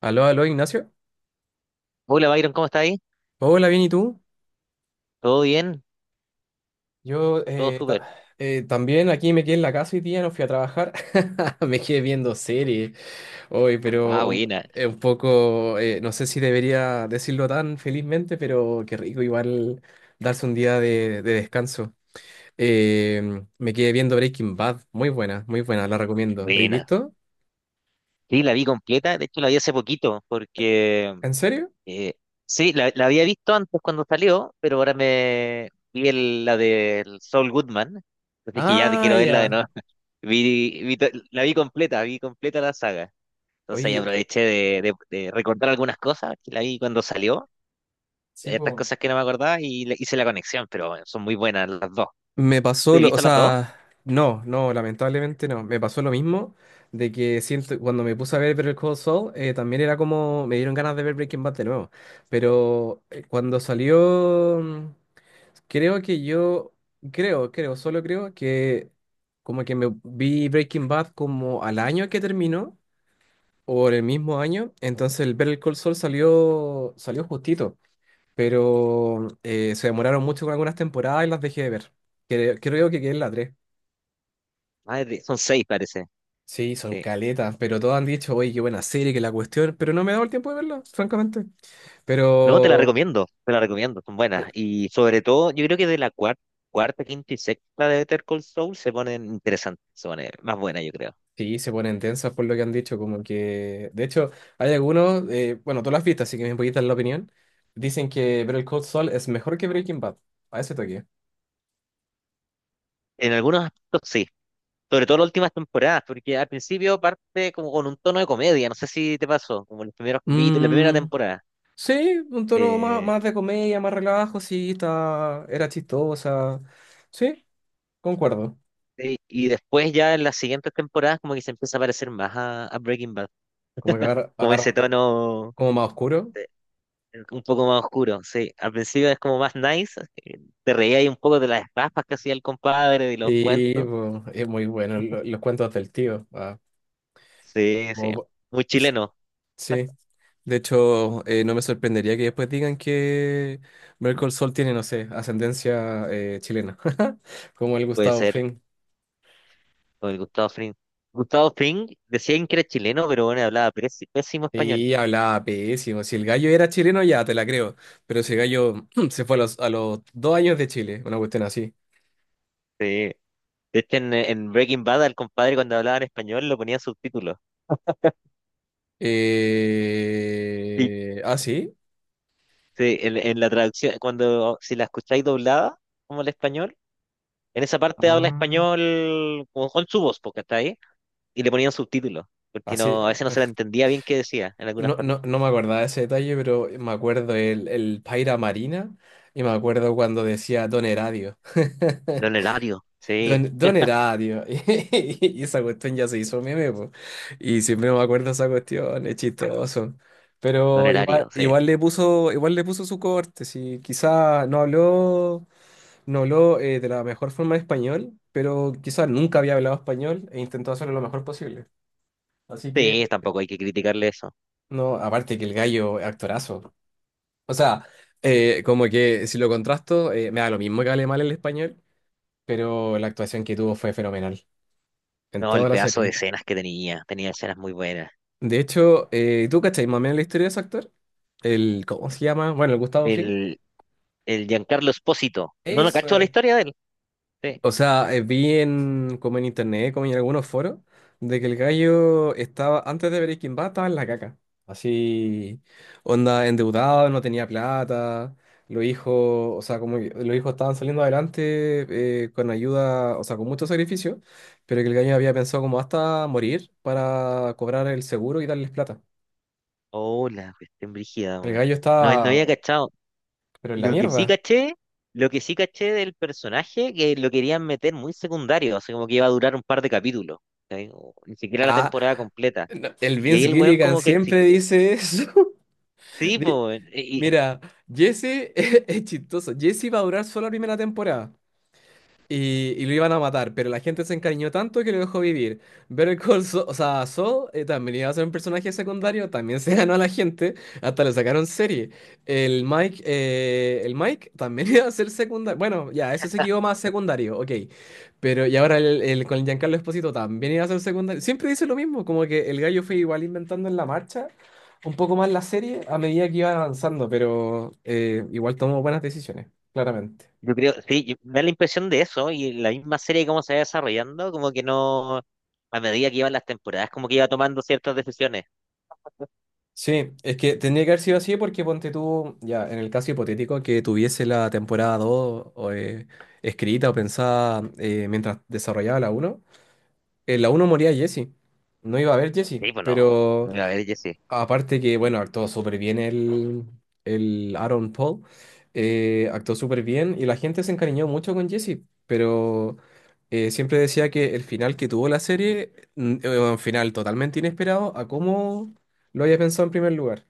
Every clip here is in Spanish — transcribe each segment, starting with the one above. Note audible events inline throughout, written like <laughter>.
Aló, aló, Ignacio. Hola Byron, ¿cómo está ahí? Hola, bien, ¿y tú? ¿Todo bien? Yo ¿Todo eh, súper? ta- eh, también aquí me quedé en la casa y día, no fui a trabajar. <laughs> Me quedé viendo series hoy, Ah, pero un, buena, eh, un poco, no sé si debería decirlo tan felizmente, pero qué rico igual darse un día de descanso. Eh, Me quedé viendo Breaking Bad, muy buena, la recomiendo. ¿La habéis buena. visto? Sí, la vi completa, de hecho la vi hace poquito, porque ¿En serio? eh, sí, la había visto antes cuando salió, pero ahora me vi la del Saul Goodman, entonces dije, ya te Ah, quiero verla de ya. nuevo. <laughs> Vi la vi completa la saga, entonces ahí Oye, aproveché de recordar algunas cosas que la vi cuando salió, sí, estas pues. cosas que no me acordaba y hice la conexión, pero bueno, son muy buenas las dos. Me ¿Tú pasó has lo, o visto las dos? sea, No, no, lamentablemente no. Me pasó lo mismo de que siento, cuando me puse a ver Better Call Saul, también era como, me dieron ganas de ver Breaking Bad de nuevo. Pero cuando salió, mm, creo que yo, creo, creo, solo creo que como que me vi Breaking Bad como al año que terminó, o en el mismo año, entonces el Better Call Saul salió, salió justito, pero se demoraron mucho con algunas temporadas y las dejé de ver. Creo que quedé en la 3. Ah, es son 6 parece. Sí, son Sí. caletas, pero todos han dicho, oye, qué buena serie, que la cuestión, pero no me he dado el tiempo de verla, francamente. No, Pero te la recomiendo, son eh, buenas. Y sobre todo, yo creo que de la cuarta, cuarta, quinta y sexta de Better Call Saul se ponen interesantes, se ponen más buenas, yo creo. sí, se ponen tensas por lo que han dicho, como que, de hecho, hay algunos, bueno, todas las has así que me puedes dar la opinión, dicen que Better Call Saul es mejor que Breaking Bad, a ese toque. En algunos aspectos sí, sobre todo las últimas temporadas, porque al principio parte como con un tono de comedia, no sé si te pasó, como en los primeros capítulos, la primera Mm, temporada. sí, un tono más, Eh, más de comedia, más relajo, sí, está, era chistosa, sí, concuerdo, y después ya en las siguientes temporadas como que se empieza a parecer más a Breaking Bad, como que como ese agarran, todo, tono. como más oscuro. Un poco más oscuro, sí. Al principio es como más nice. Te reía ahí un poco de las raspas que hacía el compadre, de los Sí, cuentos. po, es muy bueno los cuentos del tío. Ah, Sí, sí. como- Muy s- chileno, sí. De hecho, no me sorprendería que después digan que Merkel Sol tiene, no sé, ascendencia chilena, <laughs> como el puede Gustavo ser, Fring. o el Gustavo Fring. Gustavo Fring decían que era chileno, pero bueno, hablaba pésimo español. Y hablaba pésimo. Si el gallo era chileno, ya te la creo. Pero si el gallo <clears throat> se fue a a los dos años de Chile, una cuestión así. Sí. De hecho, en Breaking Bad, al compadre cuando hablaba en español lo ponía subtítulos. Sí. ¿Ah, sí? Sí, en la traducción, cuando si la escucháis doblada, como el español, en esa parte habla Ah. español con su voz, porque está ahí y le ponían subtítulos, porque Así. no, a veces no se la entendía bien qué decía en algunas No, partes. no, no me acordaba de ese detalle, pero me acuerdo el Paira Marina y me acuerdo cuando decía Don Eradio. <laughs> Don Elario, sí, Don Eradio. <laughs> Y esa cuestión ya se hizo meme, po. Y siempre me acuerdo de esa cuestión, es chistoso. Don Pero igual, Elario, sí. Igual le puso su corte, sí. Quizá no habló, no habló de la mejor forma en español, pero quizá nunca había hablado español e intentó hacerlo lo mejor posible. Así que, Sí, tampoco hay que criticarle eso. no, aparte que el gallo, actorazo. O sea, Sí. Como que si lo contrasto, me da lo mismo que hable mal el español, pero la actuación que tuvo fue fenomenal en No, el toda la pedazo de serie. escenas que tenía, tenía escenas muy buenas. De hecho, ¿tú cachai más o menos la historia de ese actor? El, ¿cómo se llama? Bueno, el Gustavo Fring. El, el Giancarlo Espósito, no lo Eso cachó la es. historia de él. Sí. O sea, vi en, como en internet, como en algunos foros, de que el gallo estaba, antes de Breaking Bad, estaba en la caca. Así, onda, endeudado, no tenía plata, los hijos, o sea, como que los hijos estaban saliendo adelante con ayuda, o sea, con mucho sacrificio, pero que el gallo había pensado como hasta morir para cobrar el seguro y darles plata. Hola, cuestión brígida, El weón. gallo No, no estaba, había cachado. pero en la Lo que sí mierda. caché, lo que sí caché del personaje, que lo querían meter muy secundario, así como que iba a durar un par de capítulos, ¿sí? O ni siquiera la Ah, temporada completa. no, el Y ahí Vince el weón Gilligan como que siempre dice eso. <laughs> sí, Di- pues, y Mira, Jesse <laughs> es chistoso. Jesse va a durar solo la primera temporada. Y lo iban a matar, pero la gente se encariñó tanto que lo dejó vivir. Better Call Saul, o sea, Saul también iba a ser un personaje secundario, también <laughs> se ganó a la gente, hasta le sacaron serie. El Mike también <laughs> iba a ser secundario. Bueno, ya, ese se quedó más secundario, ok. Pero y ahora con el Giancarlo Esposito también iba a ser secundario. Siempre dice lo mismo, como que el gallo fue igual inventando en la marcha un poco más la serie a medida que iba avanzando, pero igual tomó buenas decisiones, claramente. yo creo, sí, me da la impresión de eso, y la misma serie cómo se va desarrollando, como que no, a medida que iban las temporadas, como que iba tomando ciertas decisiones. Sí, es que tendría que haber sido así porque ponte tú, ya, en el caso hipotético que tuviese la temporada 2 o escrita o pensada mientras desarrollaba la uno, en la uno moría Jesse. No iba a haber Jesse, Sí, pues no, pero no, a ver, yo sí. aparte que, bueno, actuó súper bien el Aaron Paul, actuó súper bien y la gente se encariñó mucho con Jesse, pero siempre decía que el final que tuvo la serie, era un final totalmente inesperado a cómo lo había pensado en primer lugar.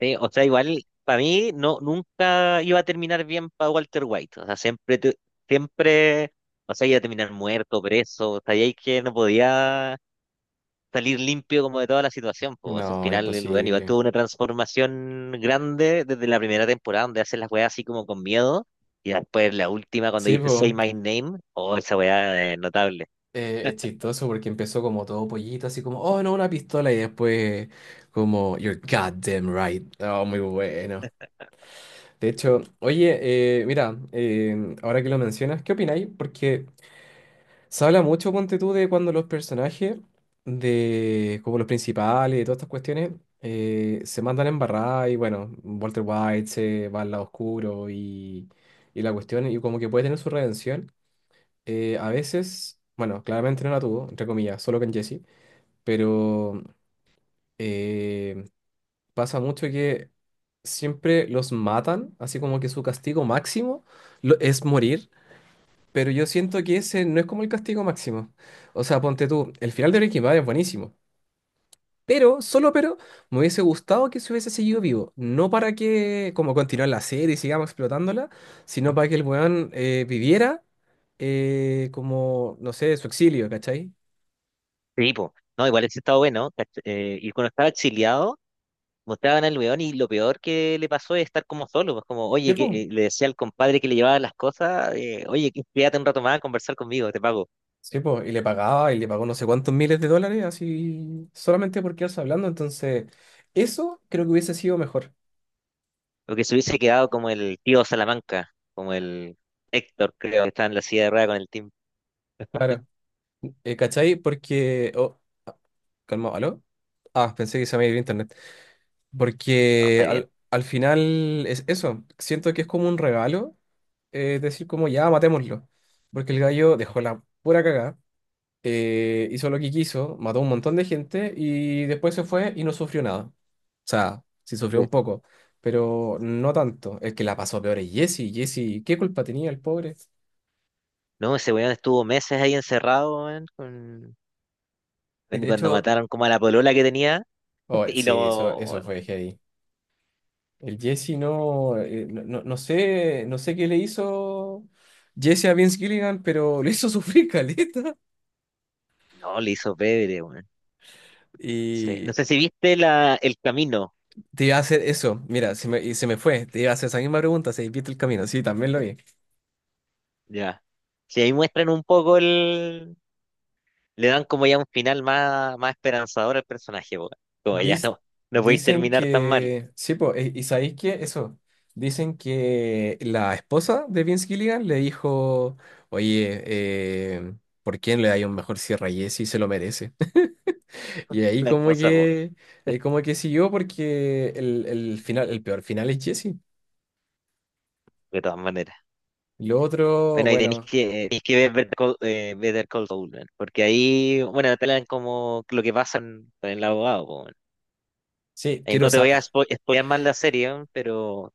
Sí, o sea, igual, para mí, no, nunca iba a terminar bien para Walter White, o sea, siempre, siempre, o sea, iba a terminar muerto, preso, o sea, y ahí que no podía salir limpio como de toda la situación. Pues al No, final el weón igual imposible. tuvo una transformación grande desde la primera temporada donde hace las weas así como con miedo y después la última cuando Sí, dice pues, Say My Name, oh, esa wea es notable. Es chistoso porque empezó como todo pollito, así como, oh, no, una pistola, y después como, you're goddamn right. Oh, muy bueno. De hecho, oye, mira, ahora que lo mencionas, ¿qué opináis? Porque se habla mucho, ponte tú, de cuando los personajes, de como los principales, de todas estas cuestiones, se mandan embarrar y bueno, Walter White se va al lado oscuro y la cuestión, y como que puede tener su redención. A veces, bueno, claramente no la tuvo, entre comillas, solo con Jesse, pero eh, pasa mucho que siempre los matan, así como que su castigo máximo es morir, pero yo siento que ese no es como el castigo máximo. O sea, ponte tú, el final de Breaking Bad es buenísimo. Pero, solo pero, me hubiese gustado que se hubiese seguido vivo. No para que, como continuar la serie y sigamos explotándola, sino para que el weón viviera como, no sé, su exilio, ¿cachai? Sí, pues, no, igual ese estaba bueno. Y cuando estaba exiliado, mostraban al weón y lo peor que le pasó es estar como solo, pues como, Sí, oye, que pues. Le decía al compadre que le llevaba las cosas, oye, quédate un rato más a conversar conmigo, te pago. Sí, po, y le pagaba, y le pagó no sé cuántos miles de dólares, así, solamente por quedarse hablando. Entonces, eso creo que hubiese sido mejor. O que se hubiese quedado como el tío Salamanca, como el Héctor, creo, que está en la silla de ruedas con el team. Claro. ¿Cachai? Porque. Oh, ah, calma, ¿aló? Ah, pensé que se me había ido internet. No, Porque está bien. Al final es eso. Siento que es como un regalo decir como ya, matémoslo. Porque el gallo dejó la pura cagada. Hizo lo que quiso, mató a un montón de gente y después se fue y no sufrió nada. O sea, sí sufrió Sí. un poco, pero no tanto. El que la pasó peor es Jesse. Jesse, ¿qué culpa tenía el pobre? No, ese weón estuvo meses ahí encerrado, weón, con... Y weón, y de cuando hecho, mataron como a la polola que tenía, oh, <laughs> y sí, lo... eso fue heavy. El Jesse no, no sé, no sé qué le hizo Jesse a Vince Gilligan, pero <laughs> le hizo sufrir caleta. No, le hizo pedre, weón. Sí. No Y sé si viste la... el camino, te iba a hacer eso, mira, se me, y se me fue, te iba a hacer esa misma pregunta, se viste el camino, sí, también lo vi. ya. Si ahí muestran un poco el... Le dan como ya un final más, más esperanzador al personaje, weón. Como ya Dis- no, no podéis Dicen terminar tan mal que. Sí, po, y sabéis que eso. Dicen que la esposa de Vince Gilligan le dijo: Oye, ¿por qué no le dais un mejor cierre a Jesse? Se lo merece. <laughs> Y ahí la como cosa, weón, que. Ahí como que siguió porque el final, el peor final es Jesse. de todas maneras. Lo otro, Bueno, ahí bueno. Tenéis que ver Better Call, Better Call Saul, weón, porque ahí, bueno, te hablan como lo que pasa en el abogado, po, weón. Sí, Ahí quiero no te voy a saber. Spoilear más la serie, weón, pero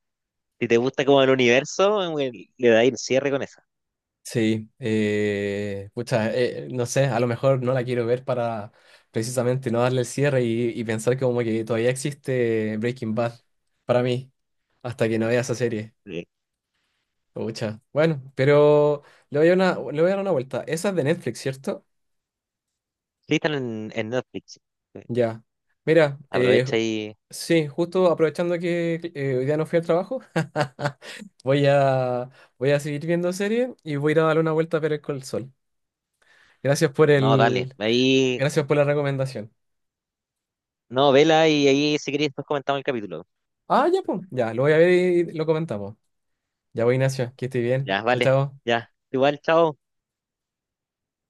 si te gusta como el universo, weón, le dais el cierre con esa. Sí, pucha, no sé, a lo mejor no la quiero ver para precisamente no darle el cierre y pensar como que todavía existe Breaking Bad para mí, hasta que no vea esa serie. Sí, Pucha, bueno, pero le voy a dar una vuelta. Esa es de Netflix, ¿cierto? sí están en Netflix. Sí. Ya. Mira, Aprovecha y... sí, justo aprovechando que hoy día no fui al trabajo, <laughs> voy a, voy a seguir viendo serie y voy a ir a darle una vuelta a ver el sol. Gracias por No, dale, el, ahí... Gracias por la recomendación. No, vela y ahí si queréis después comentamos el capítulo. Ah, ya, pues. Ya, lo voy a ver y lo comentamos. Ya voy, Ignacio. Que esté bien. Ya, Chao, vale, chao. ya. Igual, chao.